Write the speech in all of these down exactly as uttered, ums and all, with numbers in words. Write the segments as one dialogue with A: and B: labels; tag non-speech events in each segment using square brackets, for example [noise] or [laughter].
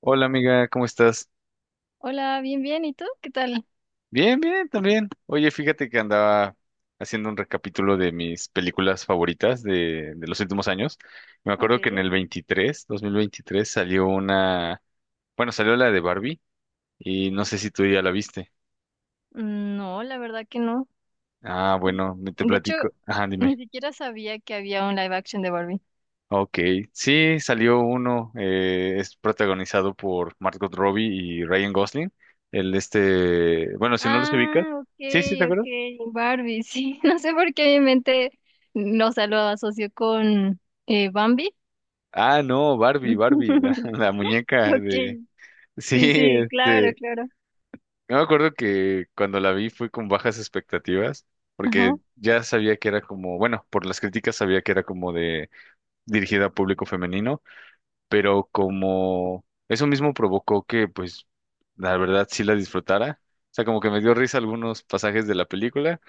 A: Hola amiga, ¿cómo estás?
B: Hola, bien, bien. ¿Y tú? ¿Qué tal?
A: Bien, bien, también. Oye, fíjate que andaba haciendo un recapítulo de mis películas favoritas de, de los últimos años. Me acuerdo que en
B: Ok.
A: el veintitrés, dos mil veintitrés, salió una, bueno, salió la de Barbie y no sé si tú ya la viste.
B: Mm, no, la verdad que no.
A: Ah, bueno, me- te
B: De hecho,
A: platico. Ajá,
B: [laughs] ni
A: dime.
B: siquiera sabía que había un live action de Barbie.
A: Ok, sí, salió uno, eh, es protagonizado por Margot Robbie y Ryan Gosling. El este, bueno, si no los ubicas.
B: Ah, ok,
A: Sí, sí, ¿te acuerdas?
B: ok. Barbie, sí. [laughs] No sé por qué mi mente, no, o sea, lo asoció con eh, Bambi.
A: Ah, no, Barbie, Barbie, la, [laughs]
B: [laughs]
A: la muñeca
B: Ok.
A: de... Sí,
B: Sí, sí, claro,
A: este...
B: claro.
A: Yo me acuerdo que cuando la vi fui con bajas expectativas, porque
B: Ajá.
A: ya sabía que era como, bueno, por las críticas sabía que era como de dirigida a público femenino, pero como eso mismo provocó que, pues, la verdad sí la disfrutara. O sea, como que me dio risa algunos pasajes de la película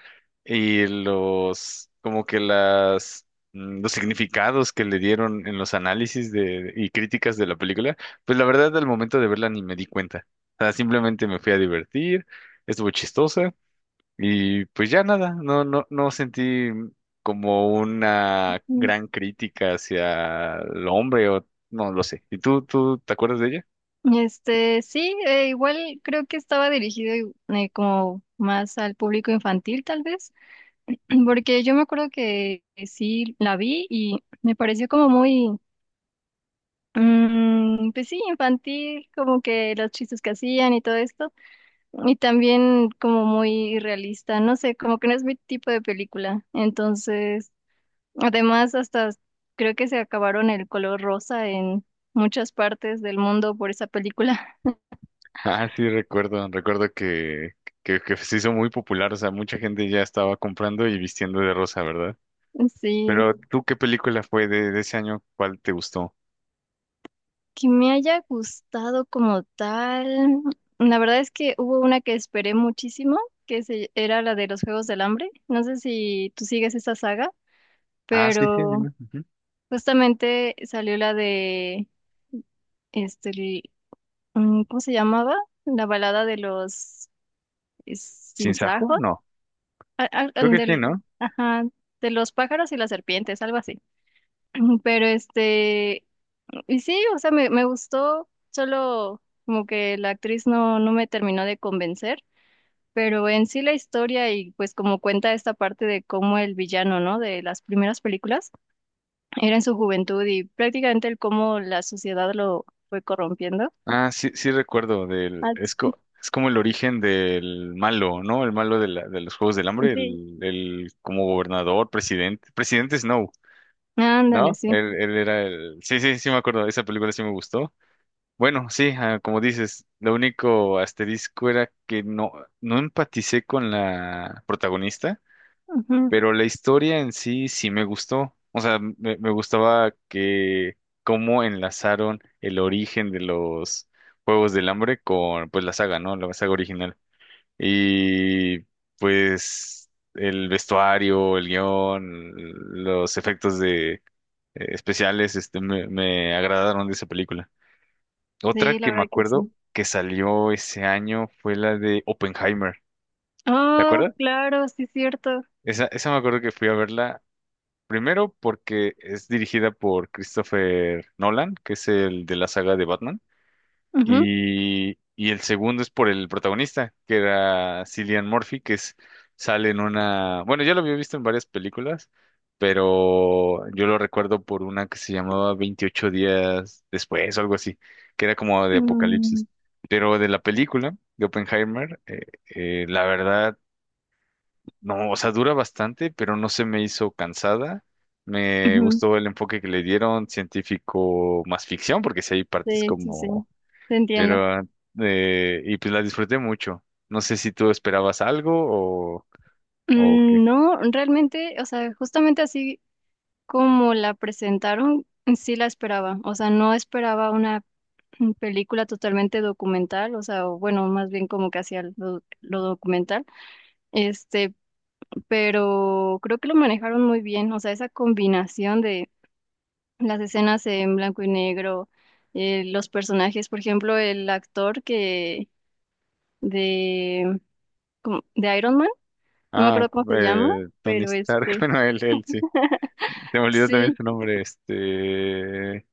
A: y los, como que las, mm, los significados que le dieron en los análisis de, y críticas de la película, pues la verdad al momento de verla ni me di cuenta. O sea, simplemente me fui a divertir, estuvo chistosa. Y pues ya nada, no, no, no sentí como una
B: Mm.
A: gran crítica hacia el hombre o no lo sé. ¿Y tú, tú te acuerdas de ella?
B: Este, sí, eh, igual creo que estaba dirigido eh, como más al público infantil, tal vez. Porque yo me acuerdo que que sí la vi y me pareció como muy, mm, pues sí, infantil, como que los chistes que hacían y todo esto, y también como muy realista, no sé, como que no es mi tipo de película. Entonces, además, hasta creo que se acabaron el color rosa en muchas partes del mundo por esa película.
A: Ah, sí, recuerdo, recuerdo que, que, que se hizo muy popular, o sea, mucha gente ya estaba comprando y vistiendo de rosa, ¿verdad?
B: [laughs] Sí.
A: Pero tú, ¿qué película fue de, de ese año? ¿Cuál te gustó?
B: Que me haya gustado como tal. La verdad es que hubo una que esperé muchísimo, que se, era la de los Juegos del Hambre. No sé si tú sigues esa saga,
A: Ah, sí, sí,
B: pero
A: dime. Ujú.
B: justamente salió la de, este, el- mm, ¿cómo se llamaba? La balada de los es-
A: ¿Sinsajo?
B: sinsajos,
A: No,
B: a- a-
A: creo que sí,
B: del,
A: ¿no?
B: ajá, de los pájaros y las serpientes, algo así. [clears throat] Pero este, y sí, o sea, me, me gustó, solo como que la actriz no, no me terminó de convencer, pero en sí la historia y pues como cuenta esta parte de cómo el villano, ¿no? De las primeras películas era en su juventud y prácticamente el cómo la sociedad lo fue corrompiendo.
A: Ah, sí, sí recuerdo del,
B: Ah,
A: es,
B: sí.
A: co- es como el origen del malo, ¿no? El malo de, la- de los Juegos del Hambre,
B: Sí.
A: el, el como gobernador, presidente, presidente Snow,
B: Ándale,
A: ¿no?
B: sí.
A: Él, él era el, sí, sí, sí me acuerdo, esa película sí me gustó. Bueno, sí, ah, como dices, lo único asterisco era que no, no empaticé con la protagonista.
B: Ujú.
A: Pero la historia en sí sí me gustó. O sea, me, me gustaba que cómo enlazaron el origen de los Juegos del Hambre con pues la saga, ¿no? La saga original. Y pues el vestuario, el guión, los efectos de eh, especiales, este me, me agradaron de esa película. Otra
B: Sí, la
A: que me
B: verdad que
A: acuerdo
B: sí.
A: que salió ese año fue la de Oppenheimer. ¿Te
B: Oh,
A: acuerdas?
B: claro, sí, cierto.
A: Esa, esa me acuerdo que fui a verla primero, porque es dirigida por Christopher Nolan, que es el de la saga de Batman.
B: Ujú.
A: Y, y el segundo es por el protagonista, que era Cillian Murphy, que es, sale en una... Bueno, ya lo había visto en varias películas, pero yo lo recuerdo por una que se llamaba Veintiocho días después o algo así, que era como de
B: Mm,
A: apocalipsis. Pero de la película de Oppenheimer, eh, eh, la verdad no, o sea, dura bastante, pero no se me hizo cansada. Me
B: ujú.
A: gustó el enfoque que le dieron, científico más ficción, porque si hay partes
B: Sí, sí, sí.
A: como...
B: Te entiendo.
A: Pero, eh, y pues la disfruté mucho. No sé si tú esperabas algo o, o qué.
B: Mm, no, realmente, o sea, justamente así como la presentaron, sí la esperaba. O sea, no esperaba una mm, película totalmente documental, o sea, o bueno, más bien como que hacía lo, lo documental. Este, pero creo que lo manejaron muy bien. O sea, esa combinación de las escenas en blanco y negro, eh, los personajes, por ejemplo, el actor que de, como- de Iron Man, no me
A: Ah,
B: acuerdo cómo se llama,
A: eh, Tony
B: pero
A: Stark, [laughs]
B: este,
A: bueno, él, él, sí. Te me olvidó también
B: sí.
A: su nombre, este...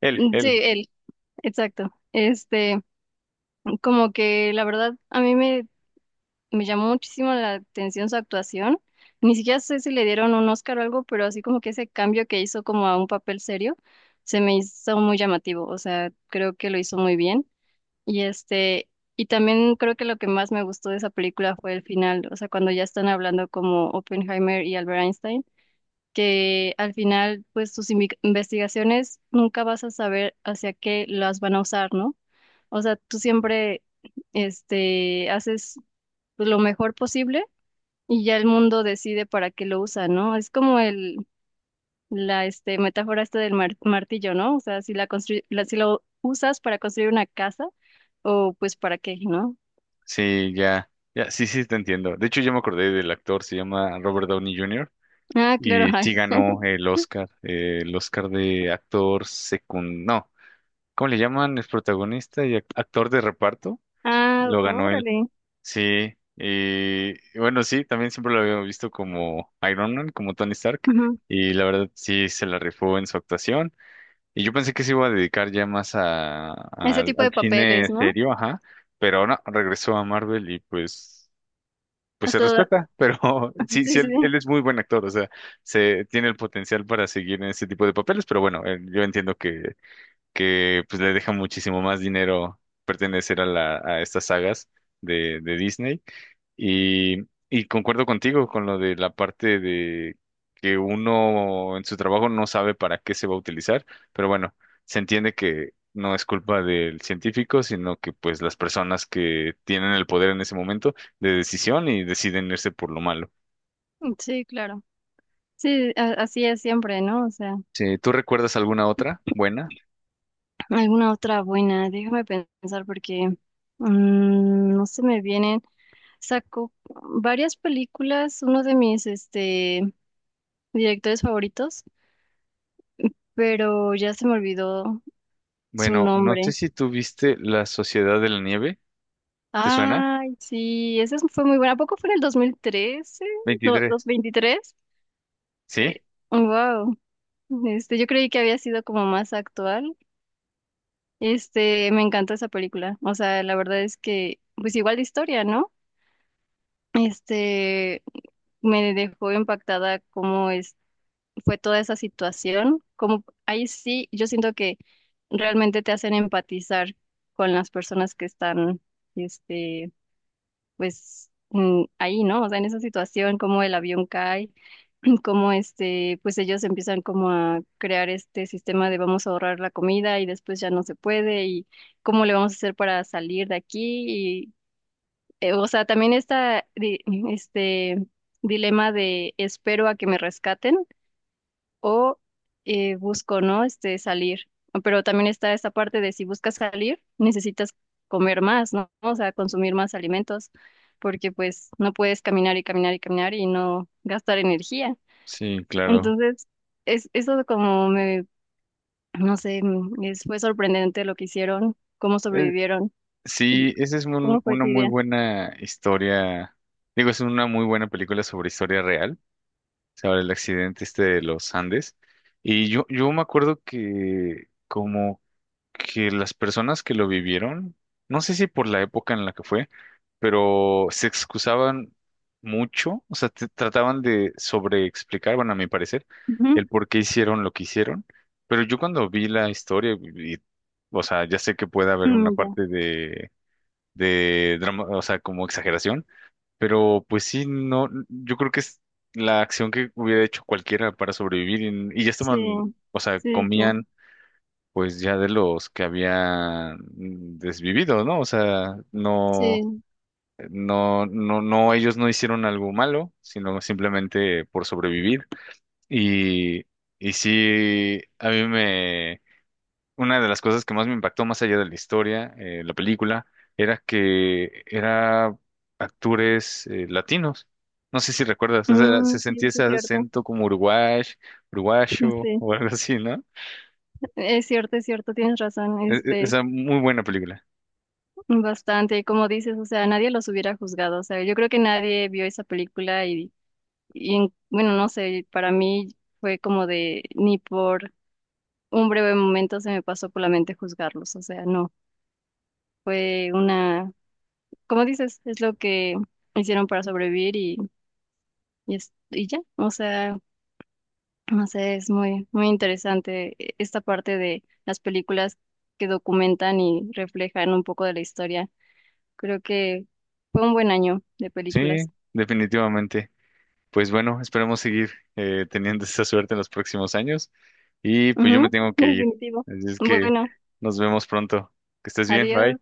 A: Él,
B: Sí,
A: él.
B: él. Exacto. Este, como que la verdad a mí me, me llamó muchísimo la atención su actuación. Ni siquiera sé si le dieron un Oscar o algo, pero así como que ese cambio que hizo como a un papel serio se me hizo muy llamativo. O sea, creo que lo hizo muy bien. Y, este, y también creo que lo que más me gustó de esa película fue el final. O sea, cuando ya están hablando como Oppenheimer y Albert Einstein, que al final, pues tus invi- investigaciones nunca vas a saber hacia qué las van a usar, ¿no? O sea, tú siempre, este, haces pues, lo mejor posible y ya el mundo decide para qué lo usa, ¿no? Es como el, la, este, metáfora esta del mar- martillo, ¿no? O sea, si la construy- la- si lo usas para construir una casa o pues para qué, ¿no?
A: Sí, ya. Ya, sí, sí, te entiendo. De hecho, ya me acordé del actor, se llama Robert Downey junior
B: Ah, claro,
A: Y
B: [laughs] ay.
A: sí ganó el Oscar, eh, el Oscar de actor secund... No, ¿cómo le llaman? Es protagonista y ac- actor de reparto.
B: Ah,
A: Lo ganó él.
B: órale.
A: Sí, y y bueno, sí, también siempre lo había visto como Iron Man, como Tony Stark.
B: Ujú.
A: Y la verdad sí se la rifó en su actuación. Y yo pensé que se iba a dedicar ya más a, a-
B: Ese tipo
A: al
B: de papeles,
A: cine
B: ¿no?
A: serio, ajá. Pero no, regresó a Marvel y pues pues se
B: Hasta,
A: respeta, pero [laughs]
B: [laughs]
A: sí,
B: sí, sí,
A: sí, él,
B: sí.
A: él es muy buen actor, o sea, se tiene el potencial para seguir en ese tipo de papeles, pero bueno, eh, yo entiendo que, que pues le deja muchísimo más dinero pertenecer a la, a estas sagas de, de Disney. Y, y concuerdo contigo con lo de la parte de que uno en su trabajo no sabe para qué se va a utilizar, pero bueno, se entiende que no es culpa del científico, sino que pues las personas que tienen el poder en ese momento de decisión y deciden irse por lo malo.
B: Sí, claro. Sí, a- así es siempre, ¿no? O sea.
A: Sí, ¿tú recuerdas alguna otra buena?
B: Alguna otra buena, déjame pensar porque mm, no se me vienen. Saco varias películas, uno de mis este, directores favoritos, pero ya se me olvidó su
A: Bueno, no sé
B: nombre.
A: si tú viste La Sociedad de la Nieve, ¿te suena?
B: Ay, sí, esa es- fue muy buena. ¿A poco fue en el dos mil trece? ¿Do-
A: Veintitrés.
B: ¿dos mil veintitrés?
A: Sí,
B: Eh, wow. Este, yo creí que había sido como más actual. Este, me encantó esa película. O sea, la verdad es que, pues igual de historia, ¿no? Este, me dejó impactada cómo es, fue toda esa situación. Como ahí sí, yo siento que realmente te hacen empatizar con las personas que están, este, pues mm, ahí, ¿no? O sea, en esa situación, cómo el avión cae, [clears throat] cómo este, pues ellos empiezan como a crear este sistema de vamos a ahorrar la comida y después ya no se puede y cómo le vamos a hacer para salir de aquí eh, o sea, también está di- este dilema de espero a que me rescaten o eh, busco, ¿no? Este salir. Pero también está esta parte de si buscas salir, necesitas comer más, ¿no? O sea, consumir más alimentos, porque pues no puedes caminar y caminar y caminar y no gastar energía.
A: sí, claro.
B: Entonces, es, eso como me, no sé, mm, es- fue sorprendente lo que hicieron, cómo sobrevivieron. Y,
A: Sí, esa es
B: ¿cómo
A: un-
B: fue
A: una
B: tu
A: muy
B: idea?
A: buena historia. Digo, es una muy buena película sobre historia real, sobre el accidente este de los Andes. Y yo, yo me acuerdo que como que las personas que lo vivieron, no sé si por la época en la que fue, pero se excusaban mucho, o sea, te- trataban de sobreexplicar, bueno, a mi parecer,
B: Ujú.
A: el por qué hicieron lo que hicieron. Pero yo cuando vi la historia, y- y, o sea, ya sé que puede haber una
B: Mm, ya.
A: parte de de drama, o sea, como exageración, pero pues sí, no, yo creo que es la acción que hubiera hecho cualquiera para sobrevivir y, y ya
B: Sí,
A: estaban, o sea,
B: sí, sí,
A: comían pues ya de los que habían desvivido, ¿no? O sea, no,
B: sí.
A: no, no, no, ellos no hicieron algo malo, sino simplemente por sobrevivir y, y sí, a mí me una de las cosas que más me impactó, más allá de la historia, eh, la película, era que era actores eh, latinos. No sé si recuerdas, o sea,
B: Mm,
A: se
B: sí,
A: sentía
B: sí,
A: ese
B: es cierto.
A: acento como uruguay, uruguayo
B: Sí,
A: o algo así, ¿no?
B: es cierto, es cierto, tienes razón,
A: E- e-
B: este,
A: Esa muy buena película.
B: bastante, como dices, o sea, nadie los hubiera juzgado, o sea, yo creo que nadie vio esa película y, y en- bueno, no sé, para mí fue como de, ni por un breve momento se me pasó por la mente juzgarlos, o sea, no, fue una, como dices, es lo que hicieron para sobrevivir y, y, es- y ya, o sea. No sé, es muy, muy interesante eh, esta parte de las películas que documentan y reflejan un poco de la historia. Creo que fue un buen año de
A: Sí,
B: películas.
A: definitivamente. Pues bueno, esperemos seguir eh, teniendo esa suerte en los próximos años. Y pues yo me
B: Ujú,
A: tengo
B: [laughs]
A: que ir.
B: definitivo.
A: Así es que
B: Bueno,
A: nos vemos pronto. Que estés bien, bye.
B: adiós.